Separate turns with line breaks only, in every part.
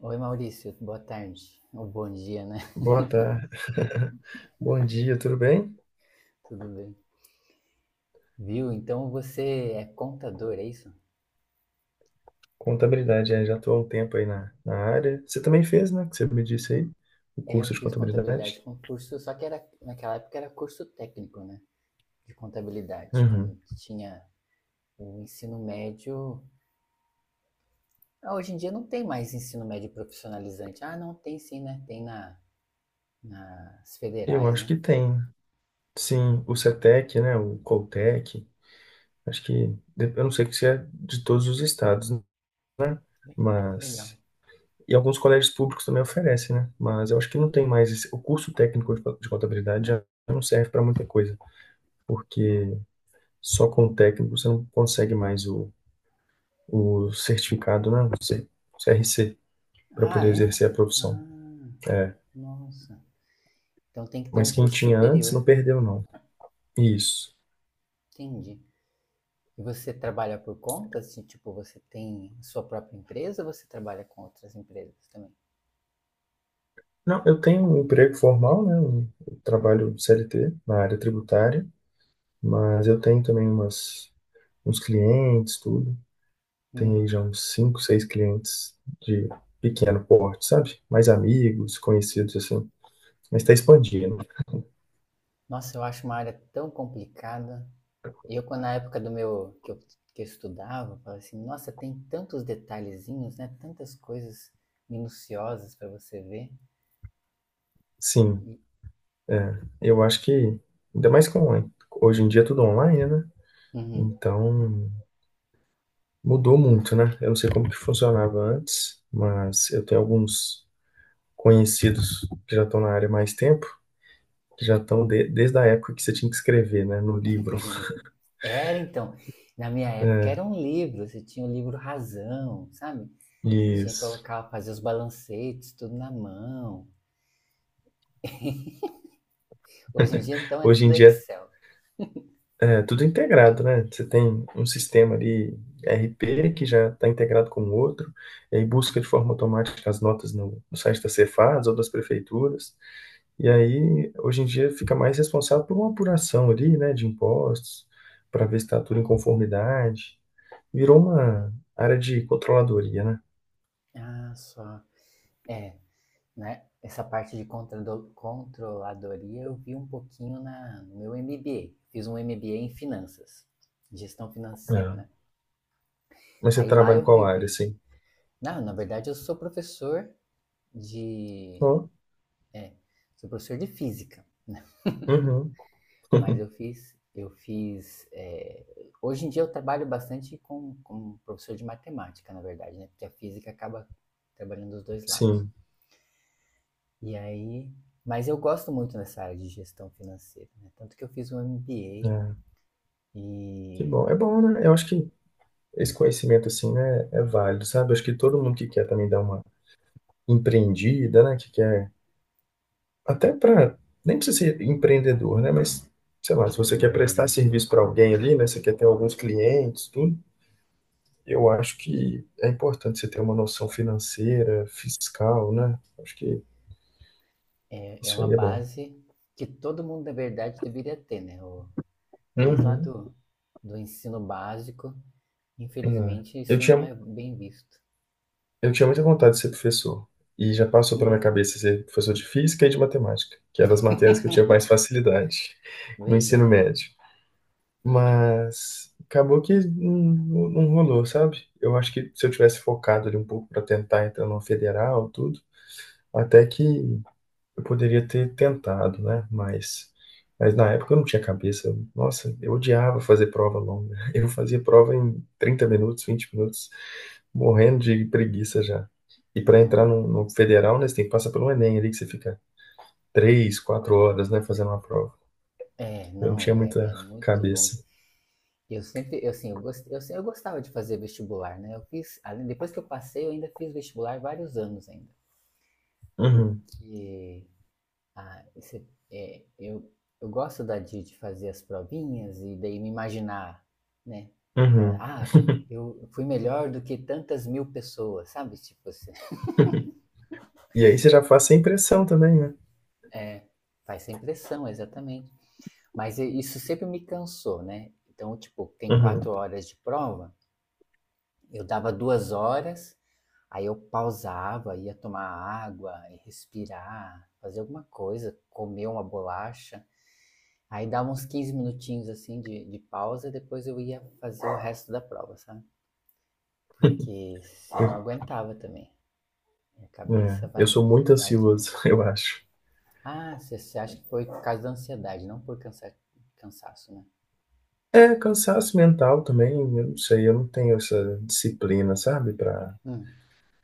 Oi Maurício, boa tarde. Ou bom dia, né?
Boa tarde. Bom dia, tudo bem?
Tudo bem. Viu? Então você é contador, é isso?
Contabilidade, é, já estou há um tempo aí na área. Você também fez, né? Que você me disse aí, o
É, eu
curso de
fiz
contabilidade.
contabilidade com curso, só que era naquela época era curso técnico, né? De contabilidade,
Uhum.
quando tinha o ensino médio. Ah, hoje em dia não tem mais ensino médio profissionalizante. Ah, não, tem sim, né? Tem nas
Eu
federais,
acho
né?
que tem. Sim, o CETEC, né? O Coltec. Acho que, eu não sei se é de todos os estados, né?
Que legal.
Mas. E alguns colégios públicos também oferecem, né? Mas eu acho que não tem mais esse. O curso técnico de contabilidade já não serve para muita coisa, porque só com o técnico você não consegue mais o certificado, né? CRC, para
Ah,
poder
é?
exercer a profissão.
Ah,
É.
nossa. Então tem que ter
Mas
um
quem
curso
tinha antes
superior.
não perdeu, não. Isso.
Entendi. E você trabalha por conta? Assim, tipo, você tem sua própria empresa ou você trabalha com outras empresas também?
Não, eu tenho um emprego formal, né? Eu trabalho CLT na área tributária, mas eu tenho também umas, uns clientes, tudo. Tenho aí
Hum.
já uns cinco, seis clientes de pequeno porte, sabe? Mais amigos, conhecidos, assim. Mas está expandindo.
Nossa, eu acho uma área tão complicada. Eu, quando na época do meu que eu, Que eu estudava, eu falava assim, nossa, tem tantos detalhezinhos, né? Tantas coisas minuciosas para você ver.
Sim,
E-
é. Eu acho que, ainda mais com, hoje em dia é tudo online, né?
Uhum.
Então, mudou muito, né? Eu não sei como que funcionava antes, mas eu tenho alguns conhecidos que já estão na área há mais tempo, que já estão desde a época que você tinha que escrever, né, no livro.
Era então, na minha época
É,
era um livro, você tinha o livro Razão, sabe? Tinha que
isso.
colocar, fazer os balancetes, tudo na mão. Hoje em dia, então, é
Hoje
tudo
em dia
Excel.
é tudo integrado, né? Você tem um sistema ali, RP, que já está integrado com o outro, e aí busca de forma automática as notas no site da Cefads ou das prefeituras. E aí, hoje em dia, fica mais responsável por uma apuração ali, né, de impostos, para ver se está tudo em conformidade. Virou uma área de controladoria, né?
Ah, só. É, né? Essa parte de controladoria eu vi um pouquinho no meu MBA. Fiz um MBA em finanças, gestão financeira,
É.
né?
Mas você
Aí lá
trabalha em
eu
qual área,
revi.
assim?
Não, na verdade eu sou professor de,
Ó,
é, sou professor de física, né?
uhum.
Mas eu fiz, eu fiz. É, hoje em dia eu trabalho bastante com professor de matemática, na verdade, né? Porque a física acaba trabalhando dos dois lados.
Sim,
E aí, mas eu gosto muito nessa área de gestão financeira, né? Tanto que eu fiz um
é.
MBA
Que
e
bom. É bom, né? Eu acho que esse conhecimento, assim, né, é válido, sabe? Eu acho que todo mundo que quer também dar uma empreendida, né, que quer, até para, nem precisa ser empreendedor, né, mas, sei lá, se você quer prestar serviço para alguém ali, né, você quer ter alguns clientes, tudo, eu acho que é importante você ter uma noção financeira, fiscal, né? Acho que
é, é
isso
uma
aí é bom.
base que todo mundo, na verdade, deveria ter, né? Desde lá
Uhum.
do ensino básico,
É.
infelizmente,
Eu
isso não
tinha,
é bem visto.
eu tinha muita vontade de ser professor. E já passou pela minha
Hum,
cabeça ser professor de física e de matemática, que eram as matérias que eu tinha mais facilidade no ensino
verdade.
médio. Mas acabou que não rolou, sabe? Eu acho que se eu tivesse focado ali um pouco para tentar entrar numa federal, tudo, até que eu poderia ter tentado, né? Mas na época eu não tinha cabeça. Nossa, eu odiava fazer prova longa. Eu fazia prova em 30 minutos, 20 minutos, morrendo de preguiça já. E para entrar
Não.
no federal, né, você tem que passar pelo Enem ali, que você fica 3, 4 horas, né, fazendo uma prova.
É,
Eu não
não,
tinha
é,
muita
é muito longo.
cabeça.
Eu sempre, eu, assim, eu, gost, eu, se- Eu gostava de fazer vestibular, né? Eu fiz, além, depois que eu passei, eu ainda fiz vestibular vários anos ainda.
Uhum,
Porque ah, eu gosto de fazer as provinhas e daí me imaginar, né? Falar,
uhum.
ah, eu fui melhor do que tantas mil pessoas, sabe? Tipo assim,
E aí você já faz sem pressão também, né?
é, faz essa impressão, exatamente. Isso sempre me cansou, né? Então, tipo, tem
Uhum.
quatro horas de prova, eu dava duas horas, aí eu pausava, ia tomar água, ia respirar, fazer alguma coisa, comer uma bolacha. Aí dava uns 15 minutinhos assim de pausa e depois eu ia fazer o resto da prova, sabe? Porque eu não
Eu,
aguentava também. Minha cabeça
eu
vai,
sou muito
vai de
ansioso,
mim.
eu acho.
Ah, você acha que foi por causa da ansiedade, não por cansaço, né?
É, cansaço mental também, eu não sei, eu não tenho essa disciplina, sabe? Pra,
Hum.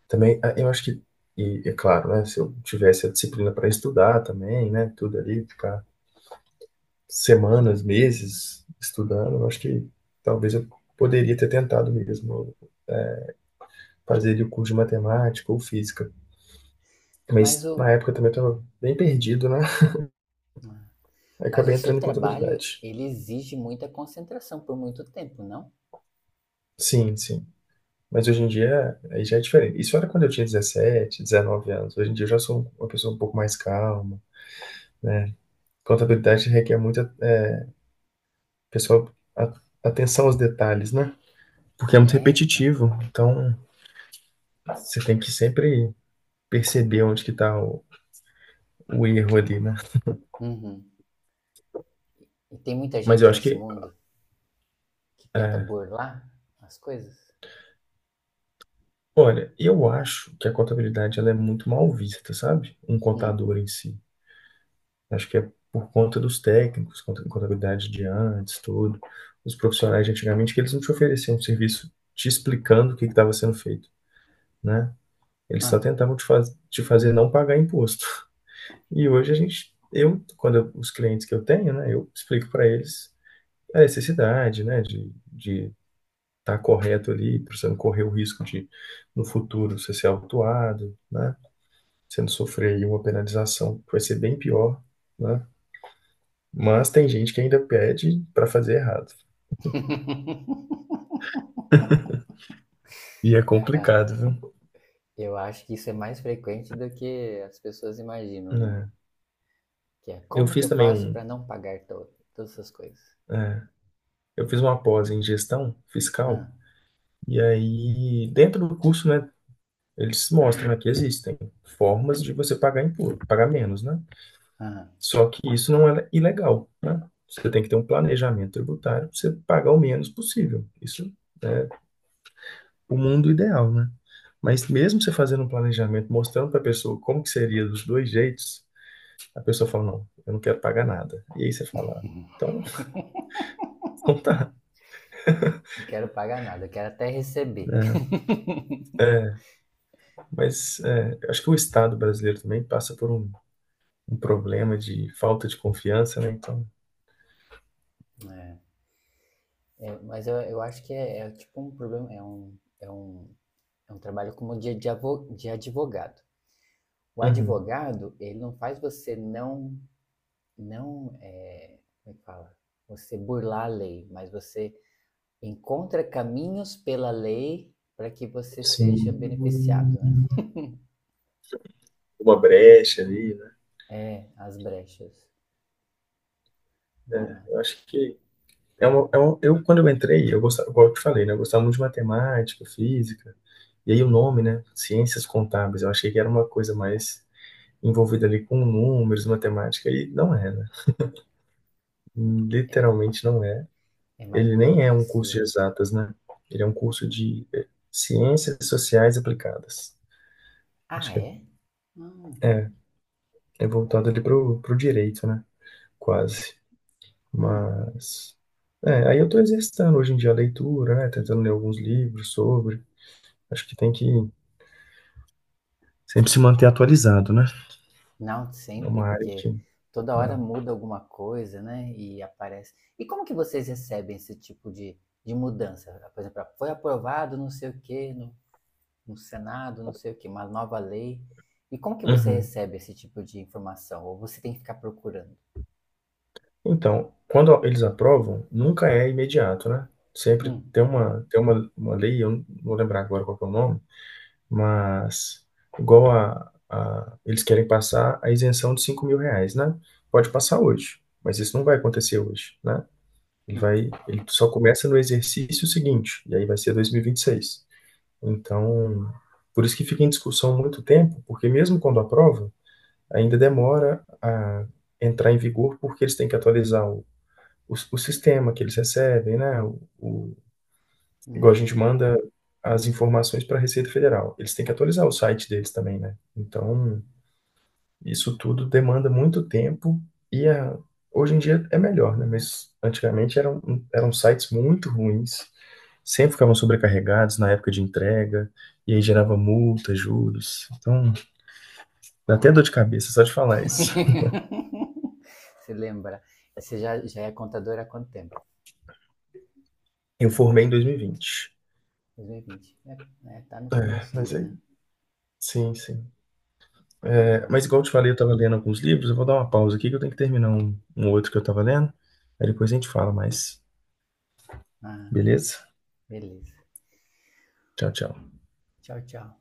também, ah, eu acho que, e é claro, né? Se eu tivesse a disciplina para estudar também, né? Tudo ali, ficar semanas, meses estudando, eu acho que talvez eu poderia ter tentado mesmo fazer ali o curso de matemática ou física.
Mas
Mas
o,
na época também eu estava bem perdido, né? Aí
mas o
acabei
seu
entrando em
trabalho,
contabilidade.
ele exige muita concentração por muito tempo, não?
Sim, sim. Mas hoje em dia aí já é diferente. Isso era quando eu tinha 17, 19 anos. Hoje em dia eu já sou uma pessoa um pouco mais calma. Contabilidade requer muita, é, pessoal, atenção aos detalhes, né? Porque é muito
Né, então.
repetitivo. Então você tem que sempre perceber onde que tá o erro ali, né?
Uhum. E tem muita
Mas eu
gente
acho
nesse
que,
mundo que tenta
é,
burlar as coisas?
olha, eu acho que a contabilidade ela é muito mal vista, sabe? Um
Hum.
contador em si. Acho que é por conta dos técnicos, contabilidade de antes, tudo. Os profissionais de antigamente, que eles não te ofereciam um serviço te explicando o que estava sendo feito, né? Eles só
Ah.
tentavam te, faz, te fazer não pagar imposto. E hoje a gente, eu, os clientes que eu tenho, né, eu explico para eles a necessidade, né, de estar correto ali, para você não correr o risco de, no futuro, você ser autuado, né? Você não sofrer aí uma penalização que vai ser bem pior, né? Mas tem gente que ainda pede pra fazer errado. E é
Ah,
complicado, viu?
eu acho que isso é mais frequente do que as pessoas imaginam, né?
É.
Que é
Eu
como que eu
fiz também
faço
um.
para não pagar to todas essas coisas?
É, eu fiz uma pós em gestão
Ah,
fiscal. E aí, dentro do curso, né, eles mostram, né, que existem formas de você pagar impuro, pagar menos, né?
ah,
Só que isso não é ilegal, né? Você tem que ter um planejamento tributário para você pagar o menos possível. Isso é o mundo ideal, né? Mas mesmo você fazendo um planejamento, mostrando para a pessoa como que seria dos dois jeitos, a pessoa fala, não, eu não quero pagar nada. E aí você fala, "Ah, então, então tá."
não quero pagar nada, eu quero até receber.
Né? É, mas é, eu acho que o Estado brasileiro também passa por um problema de falta de confiança, né? Então,
É, é, mas eu acho que é, é tipo um problema, é um trabalho como de advogado. O
uhum,
advogado, ele não faz você não, não, é, como é que fala? Você burlar a lei, mas você encontra caminhos pela lei para que você
sim,
seja beneficiado, né?
uma brecha ali, né?
É, as brechas. Não
É,
é.
eu acho que é uma, eu quando eu entrei, eu gostava, igual eu te falei, né? Eu gostava muito de matemática, física, e aí o nome, né? Ciências contábeis, eu achei que era uma coisa mais envolvida ali com números, matemática, e não é, né? Literalmente não é.
É mais
Ele nem é um curso de
burocracia.
exatas, né? Ele é um curso de ciências sociais aplicadas.
Ah,
Acho que é
é? Hum,
é voltado ali pro direito, né? Quase.
hum.
Mas. É, aí eu tô exercitando hoje em dia a leitura, né? Tentando ler alguns livros sobre. Acho que tem que sempre se manter atualizado, né?
Não
É
sempre,
uma área que.
porque toda hora
Né?
muda alguma coisa, né? E aparece. E como que vocês recebem esse tipo de mudança? Por exemplo, foi aprovado não sei o quê no Senado, não sei o quê, uma nova lei. E como que você
Uhum.
recebe esse tipo de informação? Ou você tem que ficar procurando?
Então, quando eles aprovam, nunca é imediato, né? Sempre
Hum,
tem uma, uma lei, eu não vou lembrar agora qual que é o nome. Mas, igual eles querem passar a isenção de 5 mil reais, né? Pode passar hoje, mas isso não vai acontecer hoje, né? Ele
hum,
vai, ele só começa no exercício seguinte, e aí vai ser dois mil e vinte e seis. Então, por isso que fica em discussão muito tempo, porque mesmo quando aprova, ainda demora a entrar em vigor, porque eles têm que atualizar o sistema que eles recebem, né? Igual a gente
hum.
manda as informações para a Receita Federal. Eles têm que atualizar o site deles também, né? Então, isso tudo demanda muito tempo e a- hoje em dia é melhor, né? Mas antigamente eram sites muito ruins, sempre ficavam sobrecarregados na época de entrega, e aí gerava multa, juros. Então, dá até dor de cabeça só de falar isso.
Você lembra? E você já é contadora há quanto tempo?
Eu formei em 2020.
2020. É, é, tá no
É,
começo
mas
ainda,
aí,
né?
sim, sim.
Que
É,
legal.
mas igual eu te falei, eu tava lendo alguns livros, eu vou dar uma pausa aqui que eu tenho que terminar um outro que eu tava lendo. Aí depois a gente fala mais,
Ah,
beleza?
beleza.
Tchau, tchau.
Tchau, tchau.